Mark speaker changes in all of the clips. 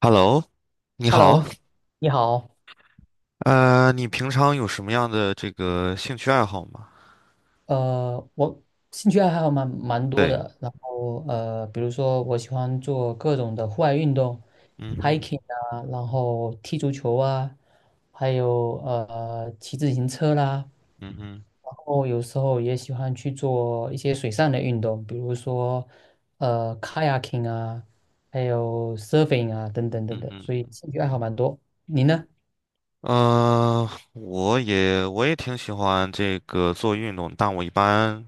Speaker 1: Hello，你好，
Speaker 2: Hello，你好。
Speaker 1: 你平常有什么样的这个兴趣爱好吗？
Speaker 2: 我兴趣爱好蛮多
Speaker 1: 对。
Speaker 2: 的，然后比如说我喜欢做各种的户外运动
Speaker 1: 嗯哼。
Speaker 2: ，hiking 啊，然后踢足球啊，还有骑自行车啦，
Speaker 1: 嗯哼。
Speaker 2: 然后有时候也喜欢去做一些水上的运动，比如说kayaking 啊，还有 surfing 啊等等等
Speaker 1: 嗯
Speaker 2: 等，所以
Speaker 1: 哼。
Speaker 2: 兴趣爱好蛮多。你呢？
Speaker 1: 我也挺喜欢这个做运动，但我一般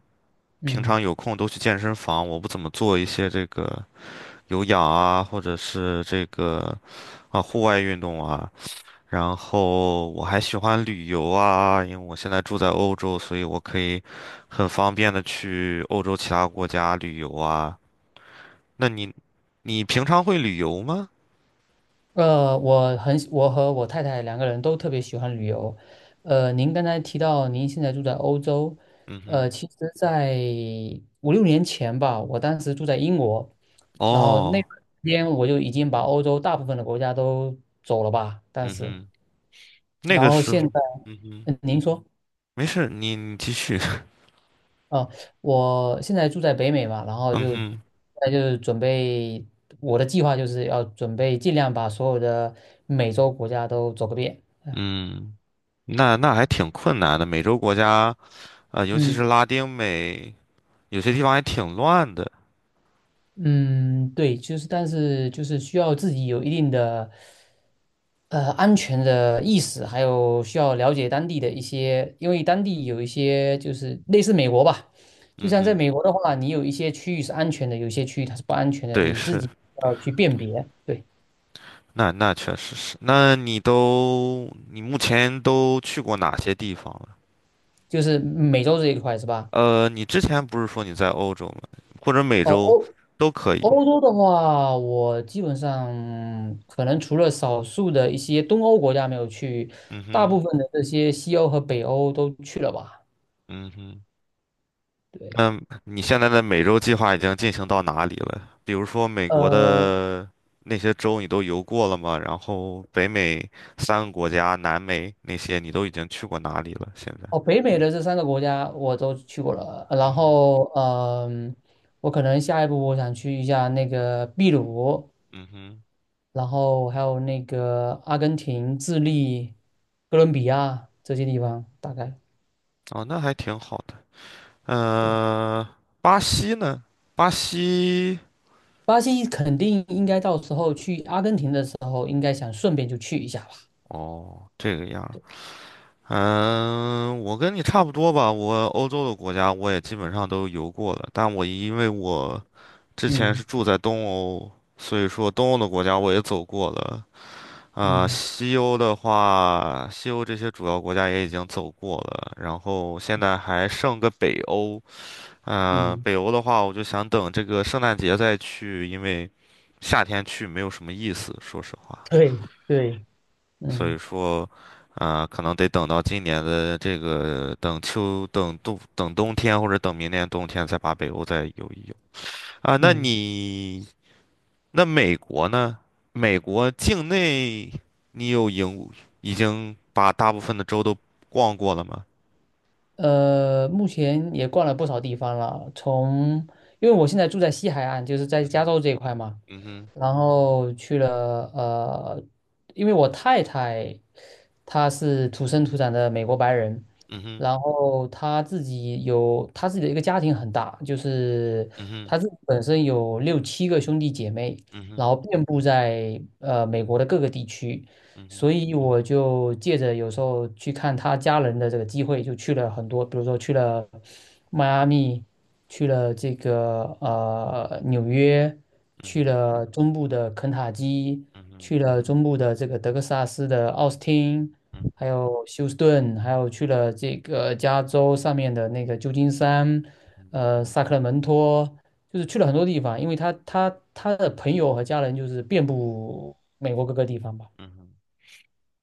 Speaker 1: 平
Speaker 2: 嗯。
Speaker 1: 常有空都去健身房，我不怎么做一些这个有氧啊，或者是这个啊户外运动啊。然后我还喜欢旅游啊，因为我现在住在欧洲，所以我可以很方便的去欧洲其他国家旅游啊。那你平常会旅游吗？
Speaker 2: 我很喜我和我太太两个人都特别喜欢旅游。您刚才提到您现在住在欧洲，
Speaker 1: 嗯哼。
Speaker 2: 其实在五六年前吧，我当时住在英国，然后那
Speaker 1: 哦。
Speaker 2: 段时间我就已经把欧洲大部分的国家都走了吧，当
Speaker 1: 嗯
Speaker 2: 时，
Speaker 1: 哼。那
Speaker 2: 然
Speaker 1: 个
Speaker 2: 后
Speaker 1: 时
Speaker 2: 现
Speaker 1: 候，
Speaker 2: 在，
Speaker 1: 嗯哼，
Speaker 2: 嗯，您说。
Speaker 1: 没事，你继续。
Speaker 2: 哦，我现在住在北美嘛，然 后
Speaker 1: 嗯
Speaker 2: 就，
Speaker 1: 哼。
Speaker 2: 那就是准备我的计划就是要准备尽量把所有的美洲国家都走个遍。
Speaker 1: 嗯，那那还挺困难的，美洲国家，尤其
Speaker 2: 嗯，
Speaker 1: 是拉丁美，有些地方还挺乱的。
Speaker 2: 嗯，对，就是但是就是需要自己有一定的安全的意识，还有需要了解当地的一些，因为当地有一些就是类似美国吧，就
Speaker 1: 嗯
Speaker 2: 像在
Speaker 1: 哼。
Speaker 2: 美国的话，你有一些区域是安全的，有一些区域它是不安全的，
Speaker 1: 对，
Speaker 2: 你自
Speaker 1: 是。
Speaker 2: 己要去辨别。对，
Speaker 1: 那那确实是，那你目前都去过哪些地方了？
Speaker 2: 就是美洲这一块是吧？
Speaker 1: 你之前不是说你在欧洲吗？或者美
Speaker 2: 哦，
Speaker 1: 洲都可以。
Speaker 2: 欧洲的话，我基本上可能除了少数的一些东欧国家没有去，
Speaker 1: 嗯
Speaker 2: 大
Speaker 1: 哼。
Speaker 2: 部分的这些西欧和北欧都去了吧？
Speaker 1: 嗯哼。
Speaker 2: 对，
Speaker 1: 那你现在的美洲计划已经进行到哪里了？比如说美国
Speaker 2: 呃，
Speaker 1: 的那些州你都游过了吗？然后北美三个国家，南美那些你都已经去过哪里了？现在？
Speaker 2: 哦，北美的这三个国家我都去过了，然
Speaker 1: 嗯。
Speaker 2: 后我可能下一步我想去一下那个秘鲁，
Speaker 1: 嗯哼。
Speaker 2: 然后还有那个阿根廷、智利、哥伦比亚这些地方，大概。
Speaker 1: 哦，那还挺好的。嗯，巴西呢？巴西，
Speaker 2: 巴西肯定应该到时候去阿根廷的时候，应该想顺便就去一下吧。
Speaker 1: 哦，这个样儿。嗯，我跟你差不多吧。我欧洲的国家我也基本上都游过了，但我因为我之前是
Speaker 2: 嗯
Speaker 1: 住在东欧，所以说东欧的国家我也走过了。啊、
Speaker 2: 嗯
Speaker 1: 西欧的话，西欧这些主要国家也已经走过了，然后现在还剩个北欧。嗯、
Speaker 2: 嗯，
Speaker 1: 北欧的话，我就想等这个圣诞节再去，因为夏天去没有什么意思，说实话。
Speaker 2: 对对，
Speaker 1: 所以
Speaker 2: 嗯
Speaker 1: 说，啊、可能得等到今年的这个等秋、等冬、等冬天，或者等明年冬天再把北欧再游一游。啊，那
Speaker 2: 嗯，
Speaker 1: 你那美国呢？美国境内你有影已经把大部分的州都逛过了吗？
Speaker 2: 目前也逛了不少地方了，从因为我现在住在西海岸，就是在
Speaker 1: 嗯
Speaker 2: 加
Speaker 1: 哼。
Speaker 2: 州这一块嘛，
Speaker 1: 嗯哼。
Speaker 2: 然后去了因为我太太她是土生土长的美国白人，
Speaker 1: 嗯哼。
Speaker 2: 然后她自己有她自己的一个家庭很大，就是
Speaker 1: 嗯哼。
Speaker 2: 她自己本身有六七个兄弟姐妹，
Speaker 1: 嗯
Speaker 2: 然
Speaker 1: 哼。
Speaker 2: 后遍布在美国的各个地区，
Speaker 1: 嗯哼。
Speaker 2: 所以我就借着有时候去看他家人的这个机会，就去了很多，比如说去了迈阿密，去了这个纽约，
Speaker 1: 嗯
Speaker 2: 去
Speaker 1: 哼。
Speaker 2: 了中部的肯塔基，
Speaker 1: 嗯哼。
Speaker 2: 去了中部的这个德克萨斯的奥斯汀，还有休斯顿，还有去了这个加州上面的那个旧金山，
Speaker 1: 嗯哼。
Speaker 2: 萨克拉门托。就是去了很多地方，因为他的朋友和家人就是遍布美国各个地方吧。
Speaker 1: 嗯哼。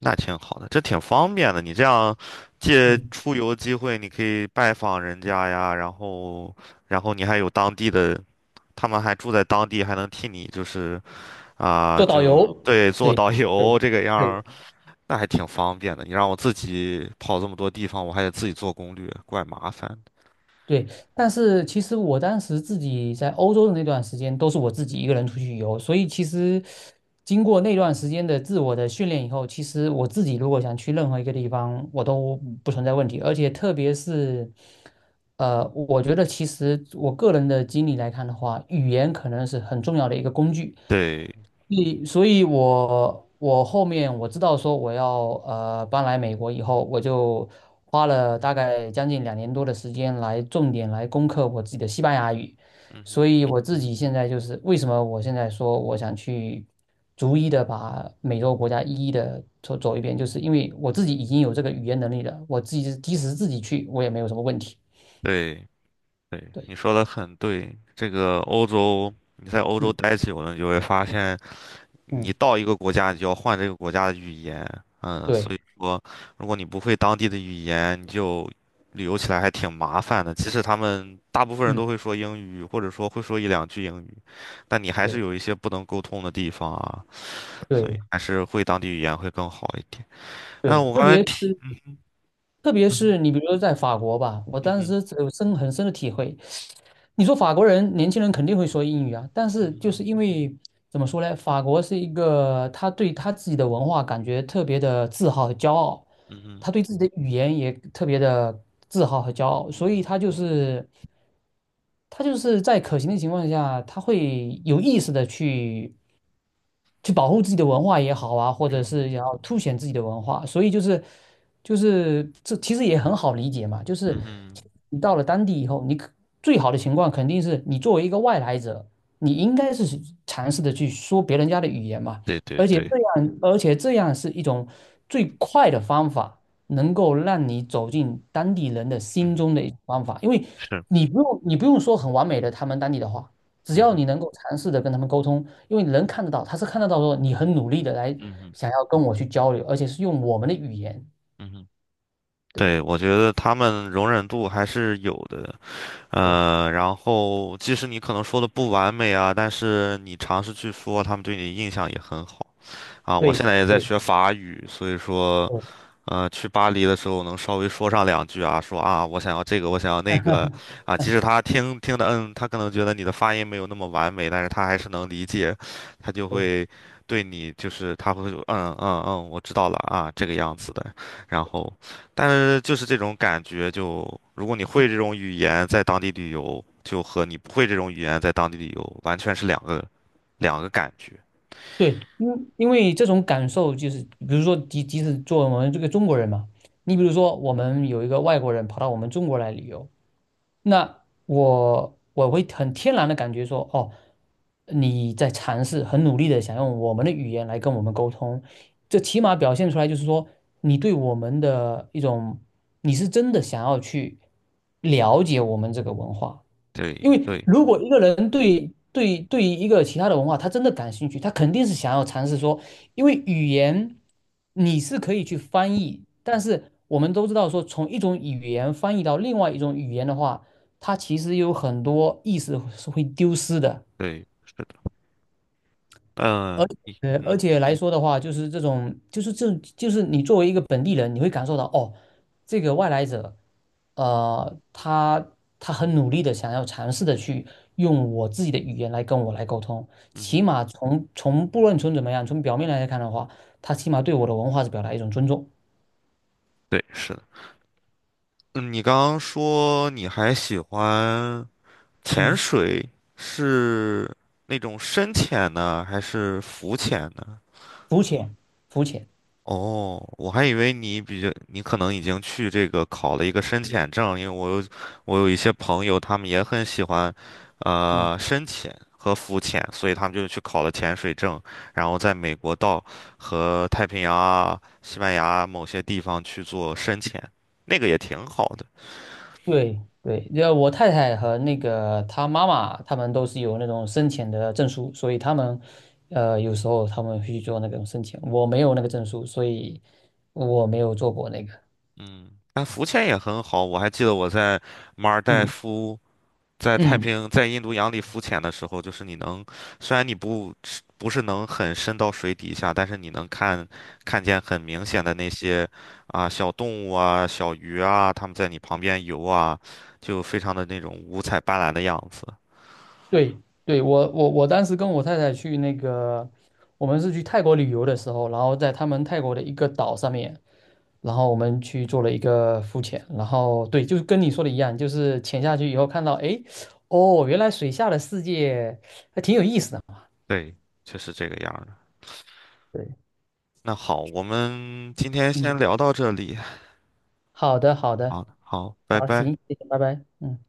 Speaker 1: 那挺好的，这挺方便的。你这样借
Speaker 2: 嗯。
Speaker 1: 出游机会，你可以拜访人家呀，然后，然后你还有当地的，他们还住在当地，还能替你就是啊、
Speaker 2: 做导
Speaker 1: 就
Speaker 2: 游，嗯
Speaker 1: 对，做
Speaker 2: 对
Speaker 1: 导游
Speaker 2: 对
Speaker 1: 这个样儿。那还挺方便的。你让我自己跑这么多地方，我还得自己做攻略，怪麻烦的。
Speaker 2: 对，但是其实我当时自己在欧洲的那段时间，都是我自己一个人出去游，所以其实经过那段时间的自我的训练以后，其实我自己如果想去任何一个地方，我都不存在问题，而且特别是，我觉得其实我个人的经历来看的话，语言可能是很重要的一个工具。
Speaker 1: 对。
Speaker 2: 所以我后面我知道说我要搬来美国以后，我就花了大概将近两年多的时间来重点来攻克我自己的西班牙语，
Speaker 1: 嗯
Speaker 2: 所
Speaker 1: 哼。
Speaker 2: 以我自己现在就是为什么我现在说我想去逐一的把美洲国家一一的走走一遍，就是因为我自己已经有这个语言能力了，我自己即使自己去我也没有什么问题。
Speaker 1: 对对，
Speaker 2: 对，
Speaker 1: 你说的很对。这个欧洲，你在欧洲
Speaker 2: 嗯
Speaker 1: 待久了，你就会发现，你
Speaker 2: 嗯，
Speaker 1: 到一个国家，你就要换这个国家的语言。嗯，所
Speaker 2: 对，
Speaker 1: 以说，如果你不会当地的语言，你就旅游起来还挺麻烦的。即使他们大部分人
Speaker 2: 嗯
Speaker 1: 都会说英语，或者说会说一两句英语。但你还是有一
Speaker 2: 对
Speaker 1: 些不能沟通的地方啊，所
Speaker 2: 对
Speaker 1: 以还是会当地语言会更好一点。
Speaker 2: 对，
Speaker 1: 嗯，我刚才提，
Speaker 2: 特别是你比如说在法国吧，我
Speaker 1: 嗯
Speaker 2: 当
Speaker 1: 哼。
Speaker 2: 时很深的体会。你说法国人年轻人肯定会说英语啊，但是就是
Speaker 1: 嗯哼。
Speaker 2: 因为怎么说呢，法国是一个他对他自己的文化感觉特别的自豪和骄傲，
Speaker 1: 嗯哼。
Speaker 2: 他对自己的语言也特别的自豪和骄傲，所以
Speaker 1: 嗯
Speaker 2: 他就是在可行的情况下，他会有意识的去。去保护自己的文化也好啊，或
Speaker 1: 哼。
Speaker 2: 者
Speaker 1: 嗯
Speaker 2: 是要
Speaker 1: 哼。
Speaker 2: 凸显自己的文化，所以就是就是这其实也很好理解嘛，就是
Speaker 1: 嗯哼。
Speaker 2: 你到了当地以后，最好的情况肯定是你作为一个外来者，你应该是去尝试的去说别人家的语言嘛，
Speaker 1: 对对对。
Speaker 2: 而且这样是一种最快的方法，能够让你走进当地人的
Speaker 1: 嗯
Speaker 2: 心
Speaker 1: 哼。
Speaker 2: 中的一种方法，因为
Speaker 1: 是。
Speaker 2: 你不用说很完美的他们当地的话。只
Speaker 1: 嗯
Speaker 2: 要
Speaker 1: 哼。
Speaker 2: 你能够尝试的跟他们沟通，因为能看得到，他是看得到说你很努力的来
Speaker 1: 嗯哼。
Speaker 2: 想要跟我去交流，而且是用我们的语言。
Speaker 1: 嗯哼。
Speaker 2: 对
Speaker 1: 对，我觉得他们容忍度还是有的。
Speaker 2: 对
Speaker 1: 然后即使你可能说的不完美啊，但是你尝试去说，他们对你的印象也很好啊。我现
Speaker 2: 对
Speaker 1: 在也在
Speaker 2: 对，
Speaker 1: 学法语，所以说，
Speaker 2: 嗯
Speaker 1: 去巴黎的时候能稍微说上两句啊，说啊，我想要这个，我想要那个，啊，即使
Speaker 2: 嗯
Speaker 1: 他听听的，嗯，他可能觉得你的发音没有那么完美，但是他还是能理解，他就会
Speaker 2: 对
Speaker 1: 对你就是他会说嗯嗯嗯，我知道了啊，这个样子的。然后，但是就是这种感觉就，如果你
Speaker 2: 嗯
Speaker 1: 会这种语言在当地旅游，就和你不会这种语言在当地旅游完全是两个感觉。
Speaker 2: 对，因为这种感受就是，比如说，即使作为我们这个中国人嘛，你比如说，我们有一个外国人跑到我们中国来旅游，那我会很天然的感觉说，哦，你在尝试，很努力的想用我们的语言来跟我们沟通，这起码表现出来就是说，你对我们的一种，你是真的想要去了解我们这个文化，因
Speaker 1: 对
Speaker 2: 为
Speaker 1: 对
Speaker 2: 如果一个人对于一个其他的文化，他真的感兴趣，他肯定是想要尝试说，因为语言你是可以去翻译，但是我们都知道说，从一种语言翻译到另外一种语言的话，它其实有很多意思是会丢失的。
Speaker 1: 对，是的。
Speaker 2: 而
Speaker 1: 嗯，你嗯
Speaker 2: 而且来说的话，就是这种，就是这，就是你作为一个本地人，你会感受到哦，这个外来者，呃，他他很努力的想要尝试的去用我自己的语言来跟我来沟通，
Speaker 1: 嗯
Speaker 2: 起
Speaker 1: 哼。
Speaker 2: 码从不论从怎么样，从表面来看的话，他起码对我的文化是表达一种尊重，
Speaker 1: 对，是的。嗯，你刚刚说你还喜欢潜
Speaker 2: 嗯
Speaker 1: 水，是那种深潜呢，还是浮潜呢？
Speaker 2: 肤浅，肤浅，
Speaker 1: 哦，我还以为你比较，你可能已经去这个考了一个深潜证，因为我有一些朋友，他们也很喜欢，
Speaker 2: 嗯。
Speaker 1: 深潜和浮潜，所以他们就去考了潜水证，然后在美国到和太平洋啊、西班牙啊某些地方去做深潜，那个也挺好的。
Speaker 2: 对对，要我太太和那个她妈妈，他们都是有那种生前的证书，所以他们，有时候他们会去做那种生前，我没有那个证书，所以我没有做过那个。
Speaker 1: 嗯，那浮潜也很好。我还记得我在马尔代
Speaker 2: 嗯
Speaker 1: 夫、在太
Speaker 2: 嗯，
Speaker 1: 平洋在印度洋里浮潜的时候，就是你能，虽然你不是能很深到水底下，但是你能看见很明显的那些啊小动物啊、小鱼啊，它们在你旁边游啊，就非常的那种五彩斑斓的样子。
Speaker 2: 对对，我我当时跟我太太去那个，我们是去泰国旅游的时候，然后在他们泰国的一个岛上面，然后我们去做了一个浮潜，然后对，就是跟你说的一样，就是潜下去以后看到，哎，哦，原来水下的世界还挺有意思的。
Speaker 1: 对，就是这个样儿的。
Speaker 2: 对，
Speaker 1: 那好，我们今天先
Speaker 2: 嗯，
Speaker 1: 聊到这里。
Speaker 2: 好的好的，
Speaker 1: 好，好，拜
Speaker 2: 好，
Speaker 1: 拜。
Speaker 2: 行，谢谢，拜拜。嗯。